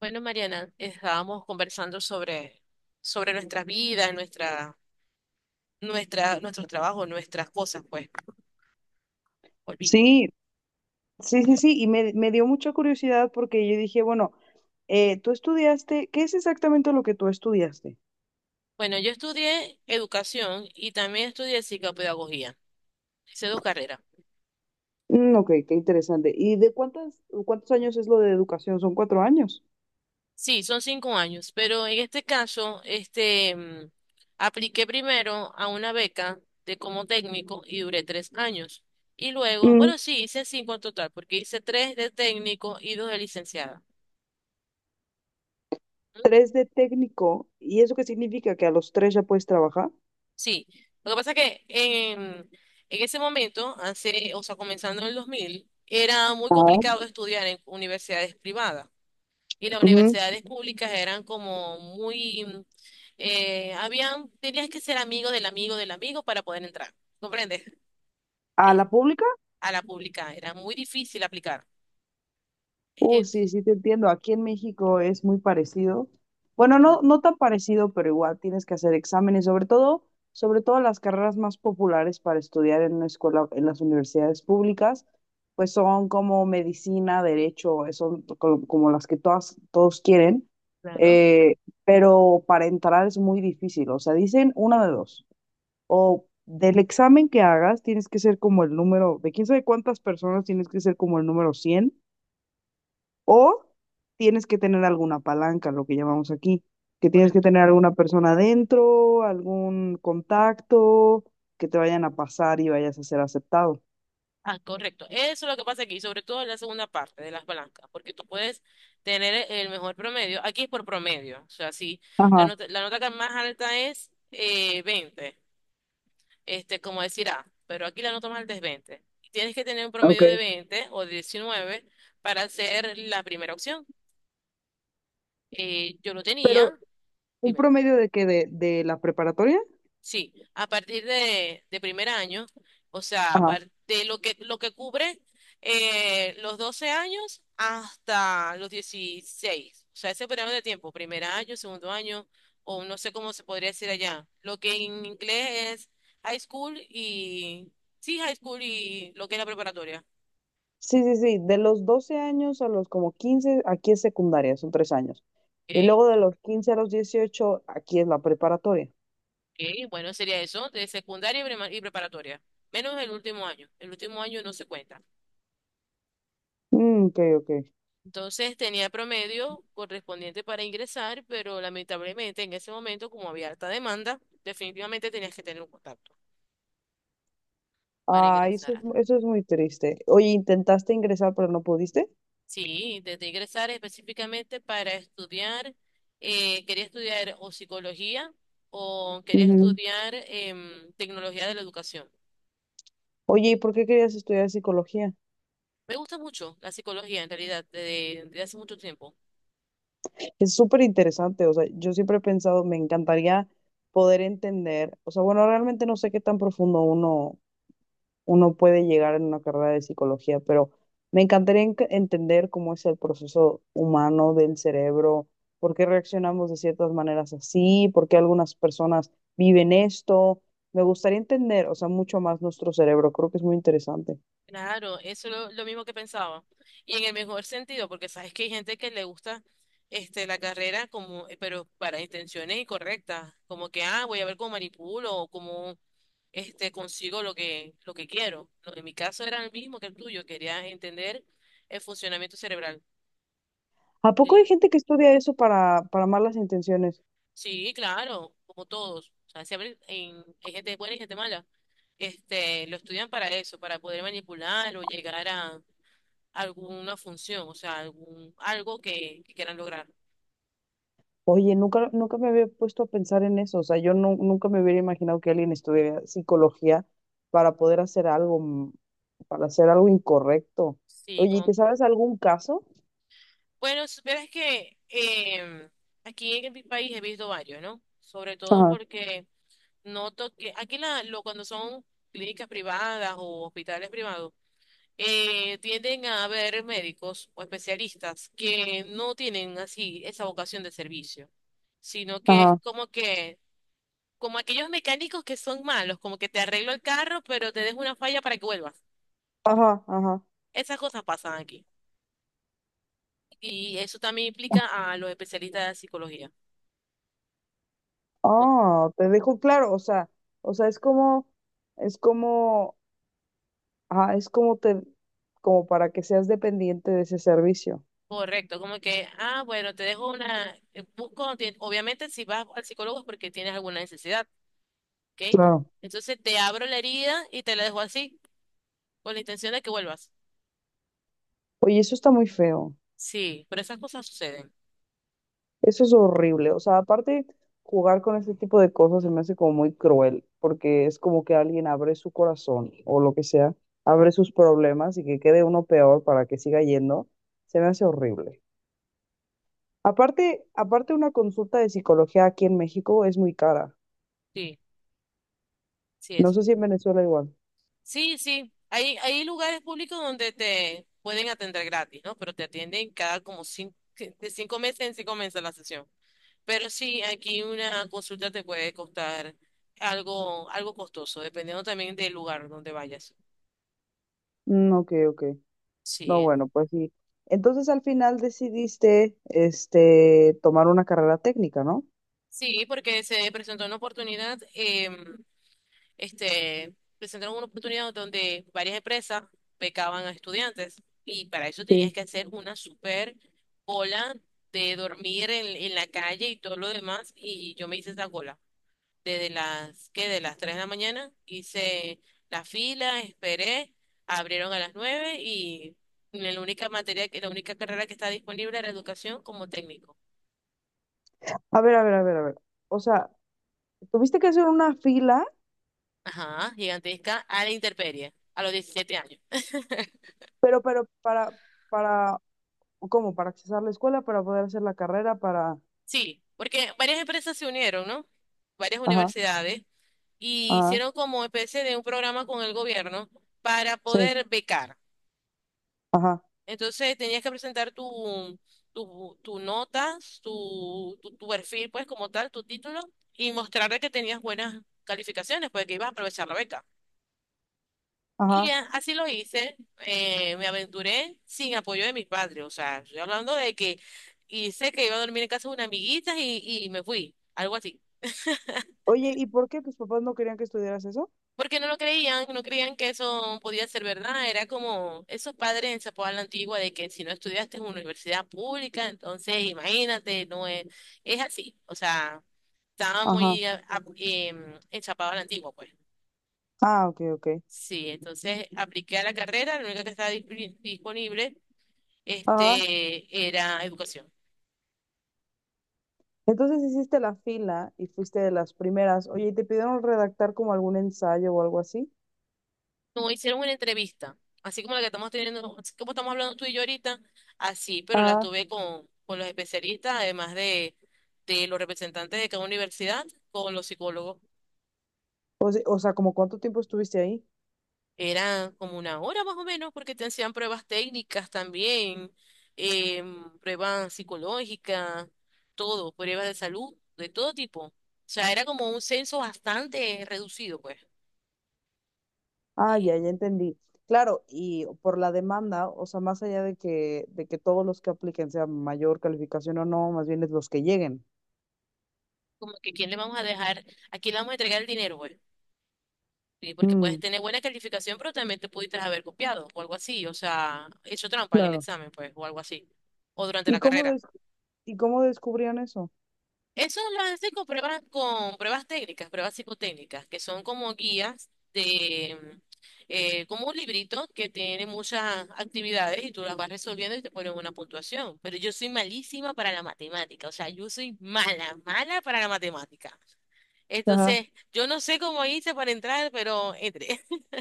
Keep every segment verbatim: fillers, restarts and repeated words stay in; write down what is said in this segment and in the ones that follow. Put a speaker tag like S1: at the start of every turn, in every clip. S1: Bueno, Mariana, estábamos conversando sobre, sobre nuestras vidas, nuestra, nuestra, nuestros trabajos, nuestras cosas, pues. Volví.
S2: Sí, sí, sí, sí, y me, me dio mucha curiosidad porque yo dije, bueno, eh, tú estudiaste, ¿qué es exactamente lo que tú estudiaste?
S1: Bueno, yo estudié educación y también estudié psicopedagogía. Hice dos carreras.
S2: Mm, ok, qué interesante. ¿Y de cuántas, cuántos años es lo de educación? Son cuatro años.
S1: Sí, son cinco años, pero en este caso, este, mm, apliqué primero a una beca de como técnico y duré tres años. Y luego,
S2: Mm,
S1: bueno, sí, hice cinco en total, porque hice tres de técnico y dos de licenciada.
S2: tres de técnico, ¿y eso qué significa? ¿Que a los tres ya puedes trabajar?
S1: Sí, lo que pasa es que en, en ese momento, hace, o sea, comenzando en el dos mil era muy
S2: Ah.
S1: complicado estudiar en universidades privadas, y las
S2: Ujú.
S1: universidades públicas eran como muy, mm, eh, habían, tenías que ser amigo del amigo del amigo para poder entrar, ¿comprendes?
S2: ¿A
S1: Es-
S2: la pública?
S1: A la pública era muy difícil aplicar.
S2: Uh,
S1: Ent-
S2: sí, sí te entiendo. Aquí en México es muy parecido. Bueno, no, no tan parecido, pero igual tienes que hacer exámenes, sobre todo, sobre todo las carreras más populares para estudiar en una escuela, en las universidades públicas, pues son como medicina, derecho, son co- como las que todas, todos quieren.
S1: Claro,
S2: Eh, pero para entrar es muy difícil. O sea, dicen una de dos. O del examen que hagas, tienes que ser como el número, de quién sabe cuántas personas, tienes que ser como el número cien o tienes que tener alguna palanca, lo que llamamos aquí, que tienes que
S1: correcto.
S2: tener alguna persona adentro, algún contacto, que te vayan a pasar y vayas a ser aceptado.
S1: Ah, correcto. Eso es lo que pasa aquí, sobre todo en la segunda parte de las blancas, porque tú puedes tener el mejor promedio. Aquí es por promedio. O sea, si la
S2: Ajá,
S1: nota, la nota que más alta es eh, veinte, este, como decir A, pero aquí la nota más alta es veinte. Tienes que tener un
S2: ok.
S1: promedio de veinte o de diecinueve para ser la primera opción. Eh, yo lo tenía.
S2: Pero un
S1: Dime.
S2: promedio de qué de, de, la preparatoria.
S1: Sí, a partir de, de primer año, o sea, a
S2: Ajá.
S1: par- de lo que, lo que cubre eh, los doce años hasta los dieciséis, o sea, ese periodo de tiempo, primer año, segundo año, o no sé cómo se podría decir allá, lo que en inglés es high school y, sí, high school y lo que es la preparatoria.
S2: Sí, sí, sí, de los doce años a los como quince aquí es secundaria, son tres años. Y
S1: Ok,
S2: luego de los quince a los dieciocho aquí es la preparatoria.
S1: ok, bueno, sería eso, de secundaria y prima- y preparatoria, menos el último año, el último año no se cuenta.
S2: Mm, ok, ok.
S1: Entonces tenía promedio correspondiente para ingresar, pero lamentablemente en ese momento, como había alta demanda, definitivamente tenías que tener un contacto para
S2: Ah, eso
S1: ingresar.
S2: es, mu- eso es muy triste. Oye, ¿intentaste ingresar pero no pudiste?
S1: Sí, intenté ingresar específicamente para estudiar, eh, quería estudiar o psicología o quería
S2: Ujú.
S1: estudiar em, tecnología de la educación.
S2: Oye, ¿y por qué querías estudiar psicología?
S1: Me gusta mucho la psicología en realidad desde, desde hace mucho tiempo.
S2: Es súper interesante, o sea, yo siempre he pensado, me encantaría poder entender, o sea, bueno, realmente no sé qué tan profundo uno, uno puede llegar en una carrera de psicología, pero me encantaría en- entender cómo es el proceso humano del cerebro, por qué reaccionamos de ciertas maneras así, por qué algunas personas viven esto. Me gustaría entender, o sea, mucho más nuestro cerebro, creo que es muy interesante.
S1: Claro, eso es lo, lo mismo que pensaba. Y en el mejor sentido, porque sabes que hay gente que le gusta este, la carrera como, eh, pero para intenciones incorrectas, como que, ah, voy a ver cómo manipulo o cómo este, consigo lo que, lo que quiero. Lo- En mi caso era el mismo que el tuyo, quería entender el funcionamiento cerebral.
S2: ¿A
S1: Y
S2: poco
S1: la-
S2: hay gente que estudia eso para, para malas intenciones?
S1: Sí, claro, como todos. O sea, siempre en- hay gente buena y gente mala. Este, lo estudian para eso, para poder manipular o llegar a alguna función, o sea, algún, algo que, que quieran lograr.
S2: Oye, nunca, nunca me había puesto a pensar en eso. O sea, yo nu- nunca me hubiera imaginado que alguien estudiara psicología para poder hacer algo, mm, para hacer algo incorrecto.
S1: Sí,
S2: Oye, ¿y
S1: como,
S2: te sabes algún caso?
S1: bueno, supieras que em, aquí en mi país he visto varios, ¿no? Sobre todo
S2: Ajá,
S1: porque noto que aquí la, lo, cuando son clínicas privadas o hospitales privados, eh, tienden a haber médicos o especialistas que no tienen así esa vocación de servicio, sino que es
S2: ajá.
S1: como que, como aquellos mecánicos que son malos, como que te arreglo el carro, pero te dejo una falla para que vuelvas.
S2: Ajá, ajá.
S1: Esas cosas pasan aquí. Y eso también implica a los especialistas de psicología. Como-
S2: Ah, te dejo claro. O sea, o sea, es como, es como, ah, es como te, como para que seas dependiente de ese servicio.
S1: Correcto, como que, ah, bueno, te dejo una, eh, busco, ti- obviamente si vas al psicólogo es porque tienes alguna necesidad, ¿ok?
S2: Claro.
S1: Entonces te abro la herida y te la dejo así, con la intención de que vuelvas.
S2: Oye, eso está muy feo.
S1: Sí, pero esas cosas suceden.
S2: Eso es horrible. O sea, aparte, jugar con ese tipo de cosas se me hace como muy cruel, porque es como que alguien abre su corazón o lo que sea, abre sus problemas y que quede uno peor para que siga yendo. Se me hace horrible. Aparte, aparte una consulta de psicología aquí en México es muy cara.
S1: Sí, sí
S2: No
S1: es.
S2: sé si en Venezuela igual.
S1: Sí, sí. Hay, hay lugares públicos donde te pueden atender gratis, ¿no? Pero te atienden cada como cinco, de cinco meses en cinco meses la sesión. Pero sí, aquí una consulta te puede costar algo, algo costoso, dependiendo también del lugar donde vayas.
S2: Mm, ok, ok. No,
S1: Sí,
S2: bueno, pues sí. Entonces al final decidiste, este, tomar una carrera técnica, ¿no?
S1: sí, porque se presentó una oportunidad, eh, este, presentaron una oportunidad donde varias empresas becaban a estudiantes y para eso tenías
S2: Sí.
S1: que hacer una super cola de dormir en, en la calle y todo lo demás, y yo me hice esa cola. desde las, ¿qué? De las tres de la mañana, hice la fila, esperé, abrieron a las nueve y la única materia, que- la única carrera que está disponible era educación como técnico.
S2: A ver, a ver, a ver, a ver. O sea, tuviste que hacer una fila.
S1: Ajá, gigantesca a la intemperie, a los diecisiete años.
S2: Pero, pero, para, para, ¿cómo? Para accesar la escuela, para poder hacer la carrera, para,
S1: Sí, porque varias empresas se unieron, ¿no? Varias
S2: ajá,
S1: universidades y
S2: ajá,
S1: hicieron como especie de un programa con el gobierno para
S2: sí,
S1: poder becar.
S2: ajá,
S1: Entonces tenías que presentar tu, tu, tu notas, tu, tu, tu perfil, pues como tal, tu título, y mostrarle que tenías buenas calificaciones, pues que ibas a aprovechar la beca. Y
S2: ajá.
S1: a- así lo hice, eh, me aventuré sin apoyo de mis padres, o sea, estoy hablando de que hice que iba a dormir en casa de una amiguita y, y me fui, algo así.
S2: Oye, ¿y por qué tus papás no querían que estudiaras eso?
S1: Porque no lo creían, no creían que eso podía ser verdad. Era como esos padres en Zapopan la Antigua de que si no estudiaste en una universidad pública, entonces imagínate, no es, es así. O sea, estaba
S2: Ajá,
S1: muy a- a- em, enchapado a la Antigua, pues.
S2: ah, ok, ok,
S1: Sí, entonces apliqué a la carrera, la única que estaba disp- disponible,
S2: ajá.
S1: este, era educación.
S2: Entonces hiciste la fila y fuiste de las primeras. Oye, ¿y te pidieron redactar como algún ensayo o algo así?
S1: No, hicieron una entrevista, así como la que estamos teniendo, así como estamos hablando tú y yo ahorita, así, pero la
S2: Ajá.
S1: tuve con, con los especialistas, además de, de los representantes de cada universidad, con los psicólogos.
S2: O se- o sea, ¿como cuánto tiempo estuviste ahí?
S1: Era como una hora más o menos, porque te hacían pruebas técnicas también, em, pruebas psicológicas, todo, pruebas de salud, de todo tipo. O sea, era como un censo bastante reducido, pues.
S2: Ah, ya, ya entendí. Claro, y por la demanda, o sea, más allá de que, de que, todos los que apliquen sea mayor calificación o no, más bien es los que lleguen.
S1: Como que quién le vamos a dejar, a quién le vamos a entregar el dinero, pues. Sí, porque puedes
S2: Mm,
S1: tener buena calificación, pero también te pudiste haber copiado o algo así, o sea, hecho trampa en el
S2: claro.
S1: examen, pues, o algo así, o durante
S2: ¿Y
S1: la
S2: cómo
S1: carrera.
S2: des- y cómo descubrían eso?
S1: Eso lo hacen con pruebas, con pruebas técnicas, pruebas psicotécnicas, que son como guías de, eh, como un librito que tiene muchas actividades y tú las vas resolviendo y te ponen una puntuación. Pero yo soy malísima para la matemática, o sea, yo soy mala, mala para la matemática.
S2: Ajá.
S1: Entonces, yo no sé cómo hice para entrar, pero entré.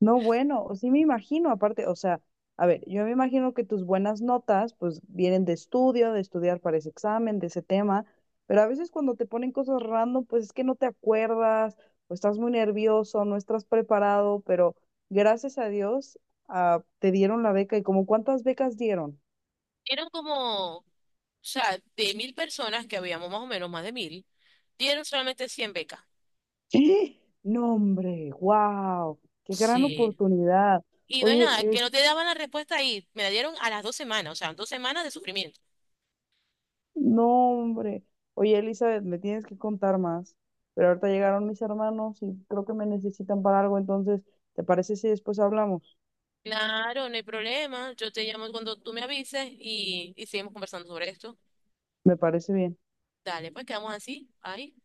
S2: No, bueno, o sí me imagino, aparte, o sea, a ver, yo me imagino que tus buenas notas, pues, vienen de estudio, de estudiar para ese examen, de ese tema, pero a veces cuando te ponen cosas random, pues es que no te acuerdas, o estás muy nervioso, no estás preparado, pero gracias a Dios, ah, te dieron la beca. ¿Y como cuántas becas dieron?
S1: Eran como O sea, de mil personas, que habíamos más o menos más de mil, dieron solamente cien becas.
S2: ¡Ah! No, hombre, wow, qué gran
S1: Sí.
S2: oportunidad.
S1: Y no es nada,
S2: Oye,
S1: que no te daban la respuesta ahí. Me la dieron a las dos semanas, o sea, dos semanas de sufrimiento.
S2: no, hombre. Oye, Elizabeth, me tienes que contar más. Pero ahorita llegaron mis hermanos y creo que me necesitan para algo, entonces, ¿te parece si después hablamos?
S1: Claro, no hay problema. Yo te llamo cuando tú me avises y, y seguimos conversando sobre esto.
S2: Me parece bien.
S1: Dale, pues quedamos así. Ahí.